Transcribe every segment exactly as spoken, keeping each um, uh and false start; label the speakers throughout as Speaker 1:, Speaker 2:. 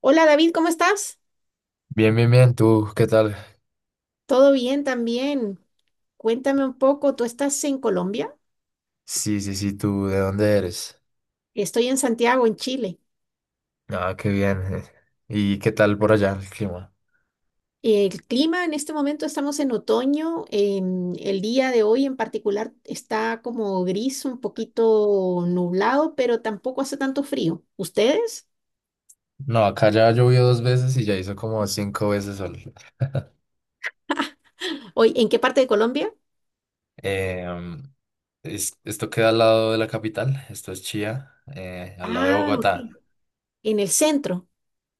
Speaker 1: Hola David, ¿cómo estás?
Speaker 2: Bien, bien, bien. ¿Tú qué tal?
Speaker 1: Todo bien también. Cuéntame un poco, ¿tú estás en Colombia?
Speaker 2: Sí, sí, sí. ¿Tú de dónde eres?
Speaker 1: Estoy en Santiago, en Chile.
Speaker 2: Ah, qué bien. eh. ¿Y qué tal por allá el clima?
Speaker 1: El clima en este momento estamos en otoño. Em, el día de hoy en particular está como gris, un poquito nublado, pero tampoco hace tanto frío. ¿Ustedes?
Speaker 2: No, acá ya llovió dos veces y ya hizo como cinco veces sol.
Speaker 1: Hoy, ¿en qué parte de Colombia?
Speaker 2: Em, es- esto queda al lado de la capital. Esto es Chía, eh, al lado de
Speaker 1: Ah, ok.
Speaker 2: Bogotá.
Speaker 1: En el centro.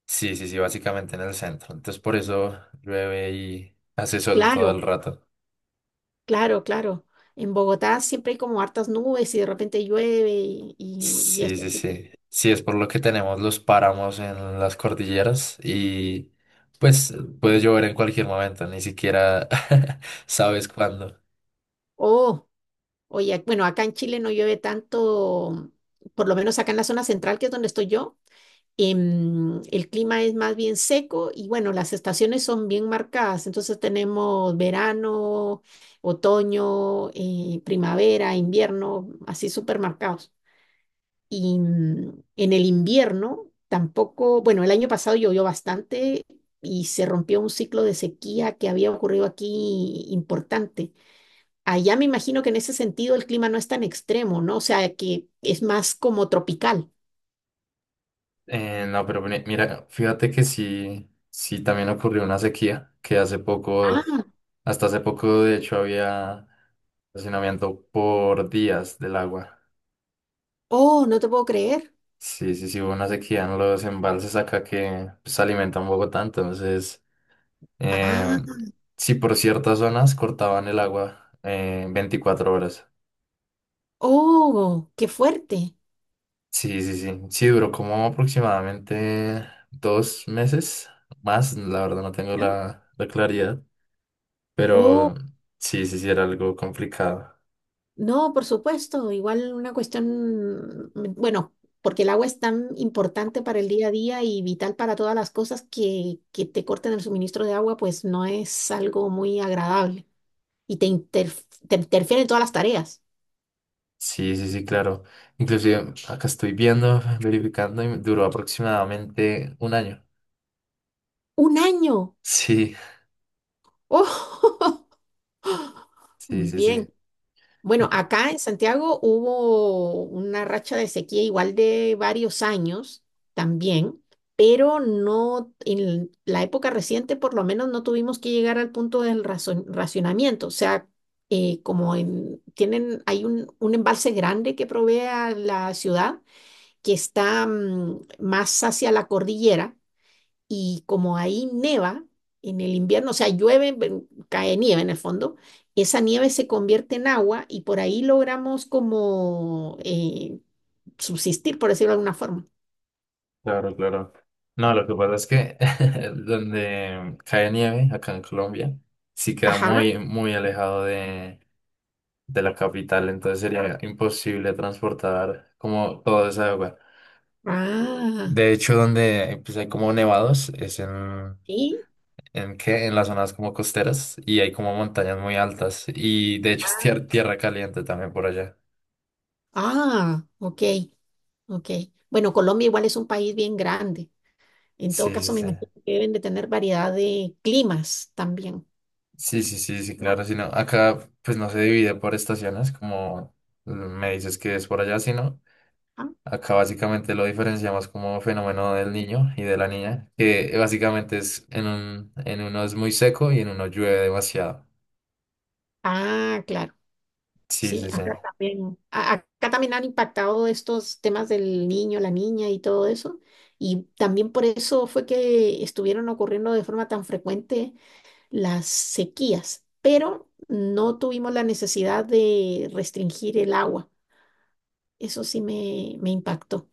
Speaker 2: Sí, sí, sí, básicamente en el centro. Entonces por eso llueve y hace sol todo el
Speaker 1: Claro,
Speaker 2: rato.
Speaker 1: claro, claro. En Bogotá siempre hay como hartas nubes y de repente llueve y, y, y
Speaker 2: Sí,
Speaker 1: eso.
Speaker 2: sí,
Speaker 1: Así que-
Speaker 2: sí. Sí, es por lo que tenemos los páramos en las cordilleras y pues puede llover en cualquier momento, ni siquiera sabes cuándo.
Speaker 1: Oh. Oye, ac- bueno, acá en Chile no llueve tanto, por lo menos acá en la zona central, que es donde estoy yo. Em, el clima es más bien seco y bueno, las estaciones son bien marcadas. Entonces tenemos verano, otoño, eh, primavera, invierno, así súper marcados. Y mm, en el invierno tampoco, bueno, el año pasado llovió bastante y se rompió un ciclo de sequía que había ocurrido aquí importante. Allá me imagino que en ese sentido el clima no es tan extremo, ¿no? O sea, que es más como tropical.
Speaker 2: Eh, no, pero mi- mira, fíjate que sí, sí también ocurrió una sequía, que hace poco,
Speaker 1: Ah,
Speaker 2: hasta hace poco de hecho había racionamiento por días del agua.
Speaker 1: oh, no te puedo creer.
Speaker 2: Sí, sí, sí, hubo una sequía en los embalses acá que se alimentan Bogotá, entonces... Eh,
Speaker 1: Ah,
Speaker 2: sí, por ciertas zonas cortaban el agua eh, veinticuatro horas.
Speaker 1: oh, qué fuerte.
Speaker 2: Sí, sí, sí. Sí, duró como aproximadamente dos meses más. La verdad no tengo
Speaker 1: ¿No?
Speaker 2: la, la claridad.
Speaker 1: Oh,
Speaker 2: Pero sí, sí, sí, era algo complicado.
Speaker 1: no, por supuesto, igual una cuestión, mm, bueno, porque el agua es tan importante para el día a día y vital para todas las cosas que, que te corten el suministro de agua, pues no es algo muy agradable y te, interf- te interfiere en todas las tareas.
Speaker 2: Sí, sí, sí, claro. Inclusive acá estoy viendo, verificando y duró aproximadamente un año.
Speaker 1: Un año.
Speaker 2: Sí,
Speaker 1: Oh,
Speaker 2: sí, sí, sí.
Speaker 1: bien. Bueno, acá en Santiago hubo una racha de sequía igual de varios años también, pero no en la época reciente por lo menos no tuvimos que llegar al punto del razo- racionamiento. O sea, eh, como en- tienen, hay un, un embalse grande que provee a la ciudad que está mm, más hacia la cordillera. Y como ahí neva en el invierno, o sea, llueve, ven- cae nieve en el fondo, esa nieve se convierte en agua y por ahí logramos como eh, subsistir, por decirlo de alguna forma.
Speaker 2: Claro, claro. No, lo que pasa es que donde cae nieve, acá en Colombia, sí queda
Speaker 1: Ajá.
Speaker 2: muy, muy alejado de, de la capital, entonces sería imposible transportar como toda esa agua.
Speaker 1: Ah,
Speaker 2: De hecho, donde pues, hay como nevados es en,
Speaker 1: sí.
Speaker 2: ¿en qué? En las zonas como costeras y hay como montañas muy altas y de hecho es
Speaker 1: Ah,
Speaker 2: tier- tierra caliente también por allá.
Speaker 1: ah, ok, ok. Bueno, Colombia igual es un país bien grande. En todo
Speaker 2: Sí, sí,
Speaker 1: caso, me
Speaker 2: sí.
Speaker 1: imagino que deben de tener variedad de climas también.
Speaker 2: Sí, sí, sí, sí, claro, si no, acá pues no se divide por estaciones, como me dices que es por allá, sino
Speaker 1: Ah,
Speaker 2: acá básicamente lo diferenciamos como fenómeno del niño y de la niña, que básicamente es en un, en uno es muy seco y en uno llueve demasiado.
Speaker 1: ah, claro.
Speaker 2: Sí,
Speaker 1: Sí,
Speaker 2: sí, sí,
Speaker 1: acá también, a- acá también han impactado estos temas del niño, la niña y todo eso. Y también por eso fue que estuvieron ocurriendo de forma tan frecuente las sequías, pero no tuvimos la necesidad de restringir el agua. Eso sí me, me impactó.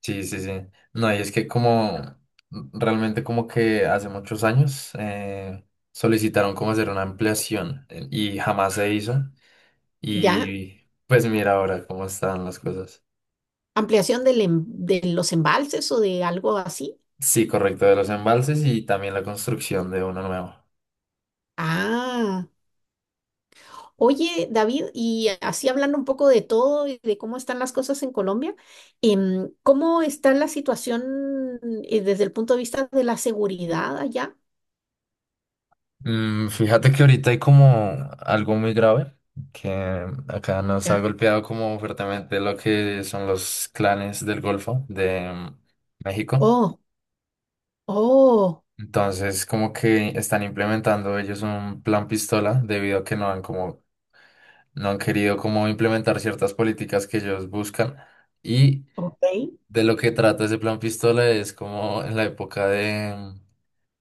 Speaker 2: sí, sí, sí. No, y es que como realmente como que hace muchos años eh, solicitaron como hacer una ampliación eh, y jamás se hizo
Speaker 1: ¿Ya?
Speaker 2: y pues mira ahora cómo están las cosas.
Speaker 1: ¿Ampliación del em- de los embalses o de algo así?
Speaker 2: Sí, correcto, de los embalses y también la construcción de uno nuevo.
Speaker 1: Ah. Oye, David, y así hablando un poco de todo y de cómo están las cosas en Colombia, em, ¿cómo está la situación eh, desde el punto de vista de la seguridad allá?
Speaker 2: Mm, fíjate que ahorita hay como algo muy grave, que acá nos ha
Speaker 1: Ya.
Speaker 2: golpeado como fuertemente lo que son los clanes del Golfo de mm, México.
Speaker 1: Oh, oh,
Speaker 2: Entonces, como que están implementando ellos un plan pistola debido a que no han como no han querido como implementar ciertas políticas que ellos buscan y
Speaker 1: ok.
Speaker 2: de lo que trata ese plan pistola es como en la época de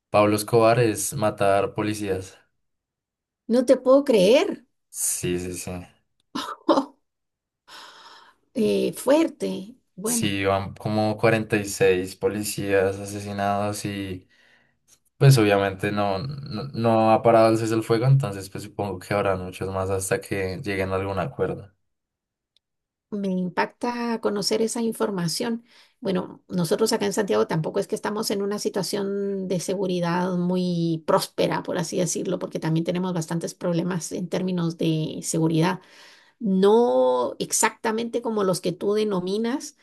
Speaker 2: Pablo Escobar es matar policías.
Speaker 1: No te puedo creer.
Speaker 2: Sí, sí, sí.
Speaker 1: Oh, eh, fuerte. Bueno.
Speaker 2: Sí, van como cuarenta y seis policías asesinados y pues obviamente no, no, no ha parado el cese el fuego, entonces pues supongo que habrá muchos más hasta que lleguen a algún acuerdo.
Speaker 1: Me impacta conocer esa información. Bueno, nosotros acá en Santiago tampoco es que estamos en una situación de seguridad muy próspera, por así decirlo, porque también tenemos bastantes problemas en términos de seguridad. No exactamente como los que tú denominas,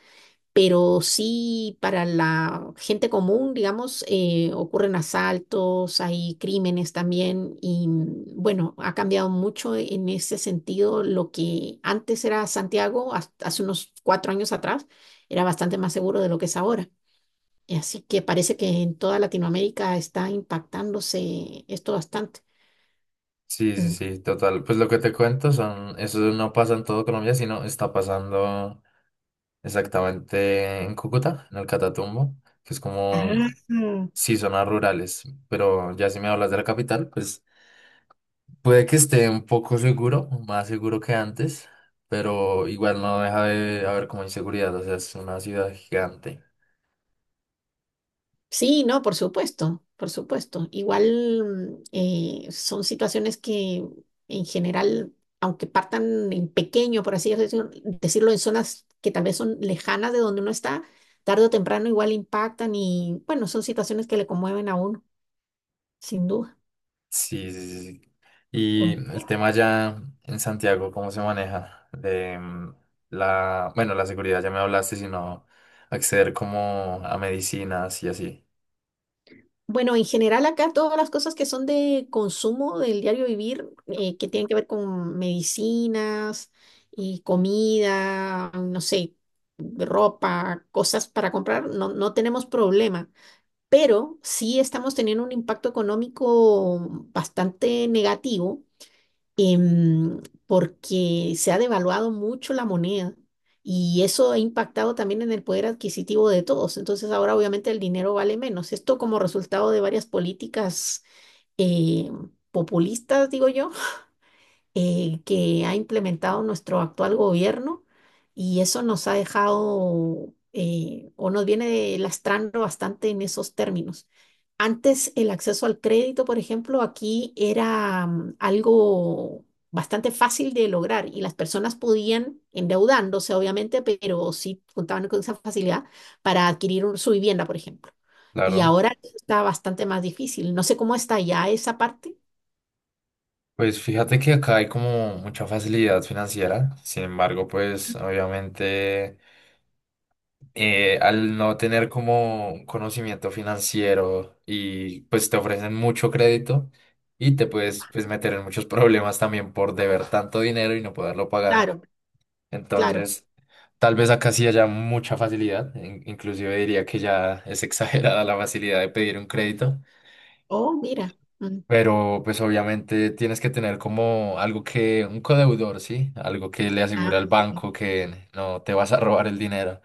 Speaker 1: pero sí para la gente común, digamos, eh, ocurren asaltos, hay crímenes también y mm, bueno, ha cambiado mucho en ese sentido lo que antes era Santiago, has- hace unos cuatro años atrás, era bastante más seguro de lo que es ahora. Y así que parece que en toda Latinoamérica está impactándose esto bastante.
Speaker 2: Sí, sí,
Speaker 1: Mm.
Speaker 2: sí, total. Pues lo que te cuento son, eso no pasa en todo Colombia, sino está pasando exactamente en Cúcuta, en el Catatumbo, que es como,
Speaker 1: Ah.
Speaker 2: sí, zonas rurales, pero ya si me hablas de la capital, pues... Puede que esté un poco seguro, más seguro que antes, pero igual no deja de haber como inseguridad, o sea, es una ciudad gigante.
Speaker 1: Sí, no, por supuesto, por supuesto. Igual mm, eh, son situaciones que en general, aunque partan en pequeño, por así decir- decirlo, en zonas que tal vez son lejanas de donde uno está, tarde o temprano igual impactan y bueno, son situaciones que le conmueven a uno, sin duda.
Speaker 2: Sí, sí, sí. sí. Y el tema ya en Santiago, ¿cómo se maneja? De mm, la, bueno, la seguridad ya me hablaste, sino acceder como a medicinas y así.
Speaker 1: Bueno, en general acá todas las cosas que son de consumo del diario vivir, eh, que tienen que ver con medicinas y comida, no sé, ropa, cosas para comprar, no, no tenemos problema. Pero sí estamos teniendo un impacto económico bastante negativo em, porque se ha devaluado mucho la moneda y eso ha impactado también en el poder adquisitivo de todos. Entonces ahora obviamente el dinero vale menos. Esto como resultado de varias políticas eh, populistas, digo yo eh, que ha implementado nuestro actual gobierno y eso nos ha dejado eh, o nos viene lastrando bastante en esos términos. Antes el acceso al crédito, por ejemplo, aquí era mm, algo bastante fácil de lograr y las personas podían, endeudándose obviamente, pero sí contaban con esa facilidad para adquirir un- su vivienda, por ejemplo. Y
Speaker 2: Claro.
Speaker 1: ahora está bastante más difícil. No sé cómo está ya esa parte.
Speaker 2: Pues fíjate que acá hay como mucha facilidad financiera, sin embargo, pues obviamente eh, al no tener como un conocimiento financiero y pues te ofrecen mucho crédito y te puedes pues meter en muchos problemas también por deber tanto dinero y no poderlo pagar.
Speaker 1: Claro, claro.
Speaker 2: Entonces, tal vez acá sí haya mucha facilidad, in- inclusive diría que ya es exagerada la facilidad de pedir un crédito.
Speaker 1: Oh, mira. Mm.
Speaker 2: Pero pues obviamente tienes que tener como algo que, un codeudor, ¿sí? Algo que le asegure
Speaker 1: Ah,
Speaker 2: al
Speaker 1: sí.
Speaker 2: banco que no te vas a robar el dinero.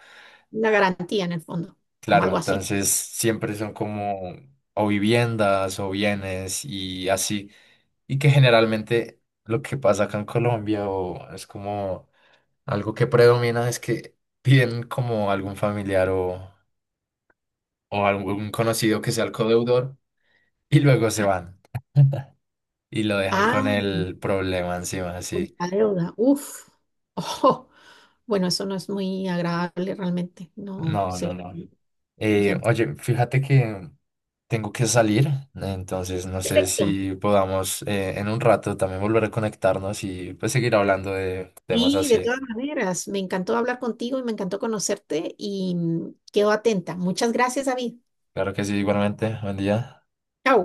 Speaker 1: Una garantía en el fondo, como
Speaker 2: Claro,
Speaker 1: algo así.
Speaker 2: entonces siempre son como o viviendas o bienes y así. Y que generalmente lo que pasa acá en Colombia o es como algo que predomina es que piden como algún familiar o, o algún conocido que sea el codeudor y luego se
Speaker 1: Ah,
Speaker 2: van y lo dejan con
Speaker 1: ah,
Speaker 2: el problema encima,
Speaker 1: con
Speaker 2: así.
Speaker 1: la deuda. Uf. Oh, bueno, eso no es muy agradable realmente. No
Speaker 2: No,
Speaker 1: se
Speaker 2: no, no.
Speaker 1: ve
Speaker 2: Eh,
Speaker 1: bien.
Speaker 2: oye, fíjate que Tengo que salir, entonces no sé
Speaker 1: Perfecto.
Speaker 2: si podamos eh, en un rato también volver a conectarnos y pues seguir hablando de temas
Speaker 1: Y de
Speaker 2: así.
Speaker 1: todas maneras, me encantó hablar contigo y me encantó conocerte y mm, quedo atenta. Muchas gracias, David.
Speaker 2: Claro que sí, igualmente. Buen día.
Speaker 1: Chao.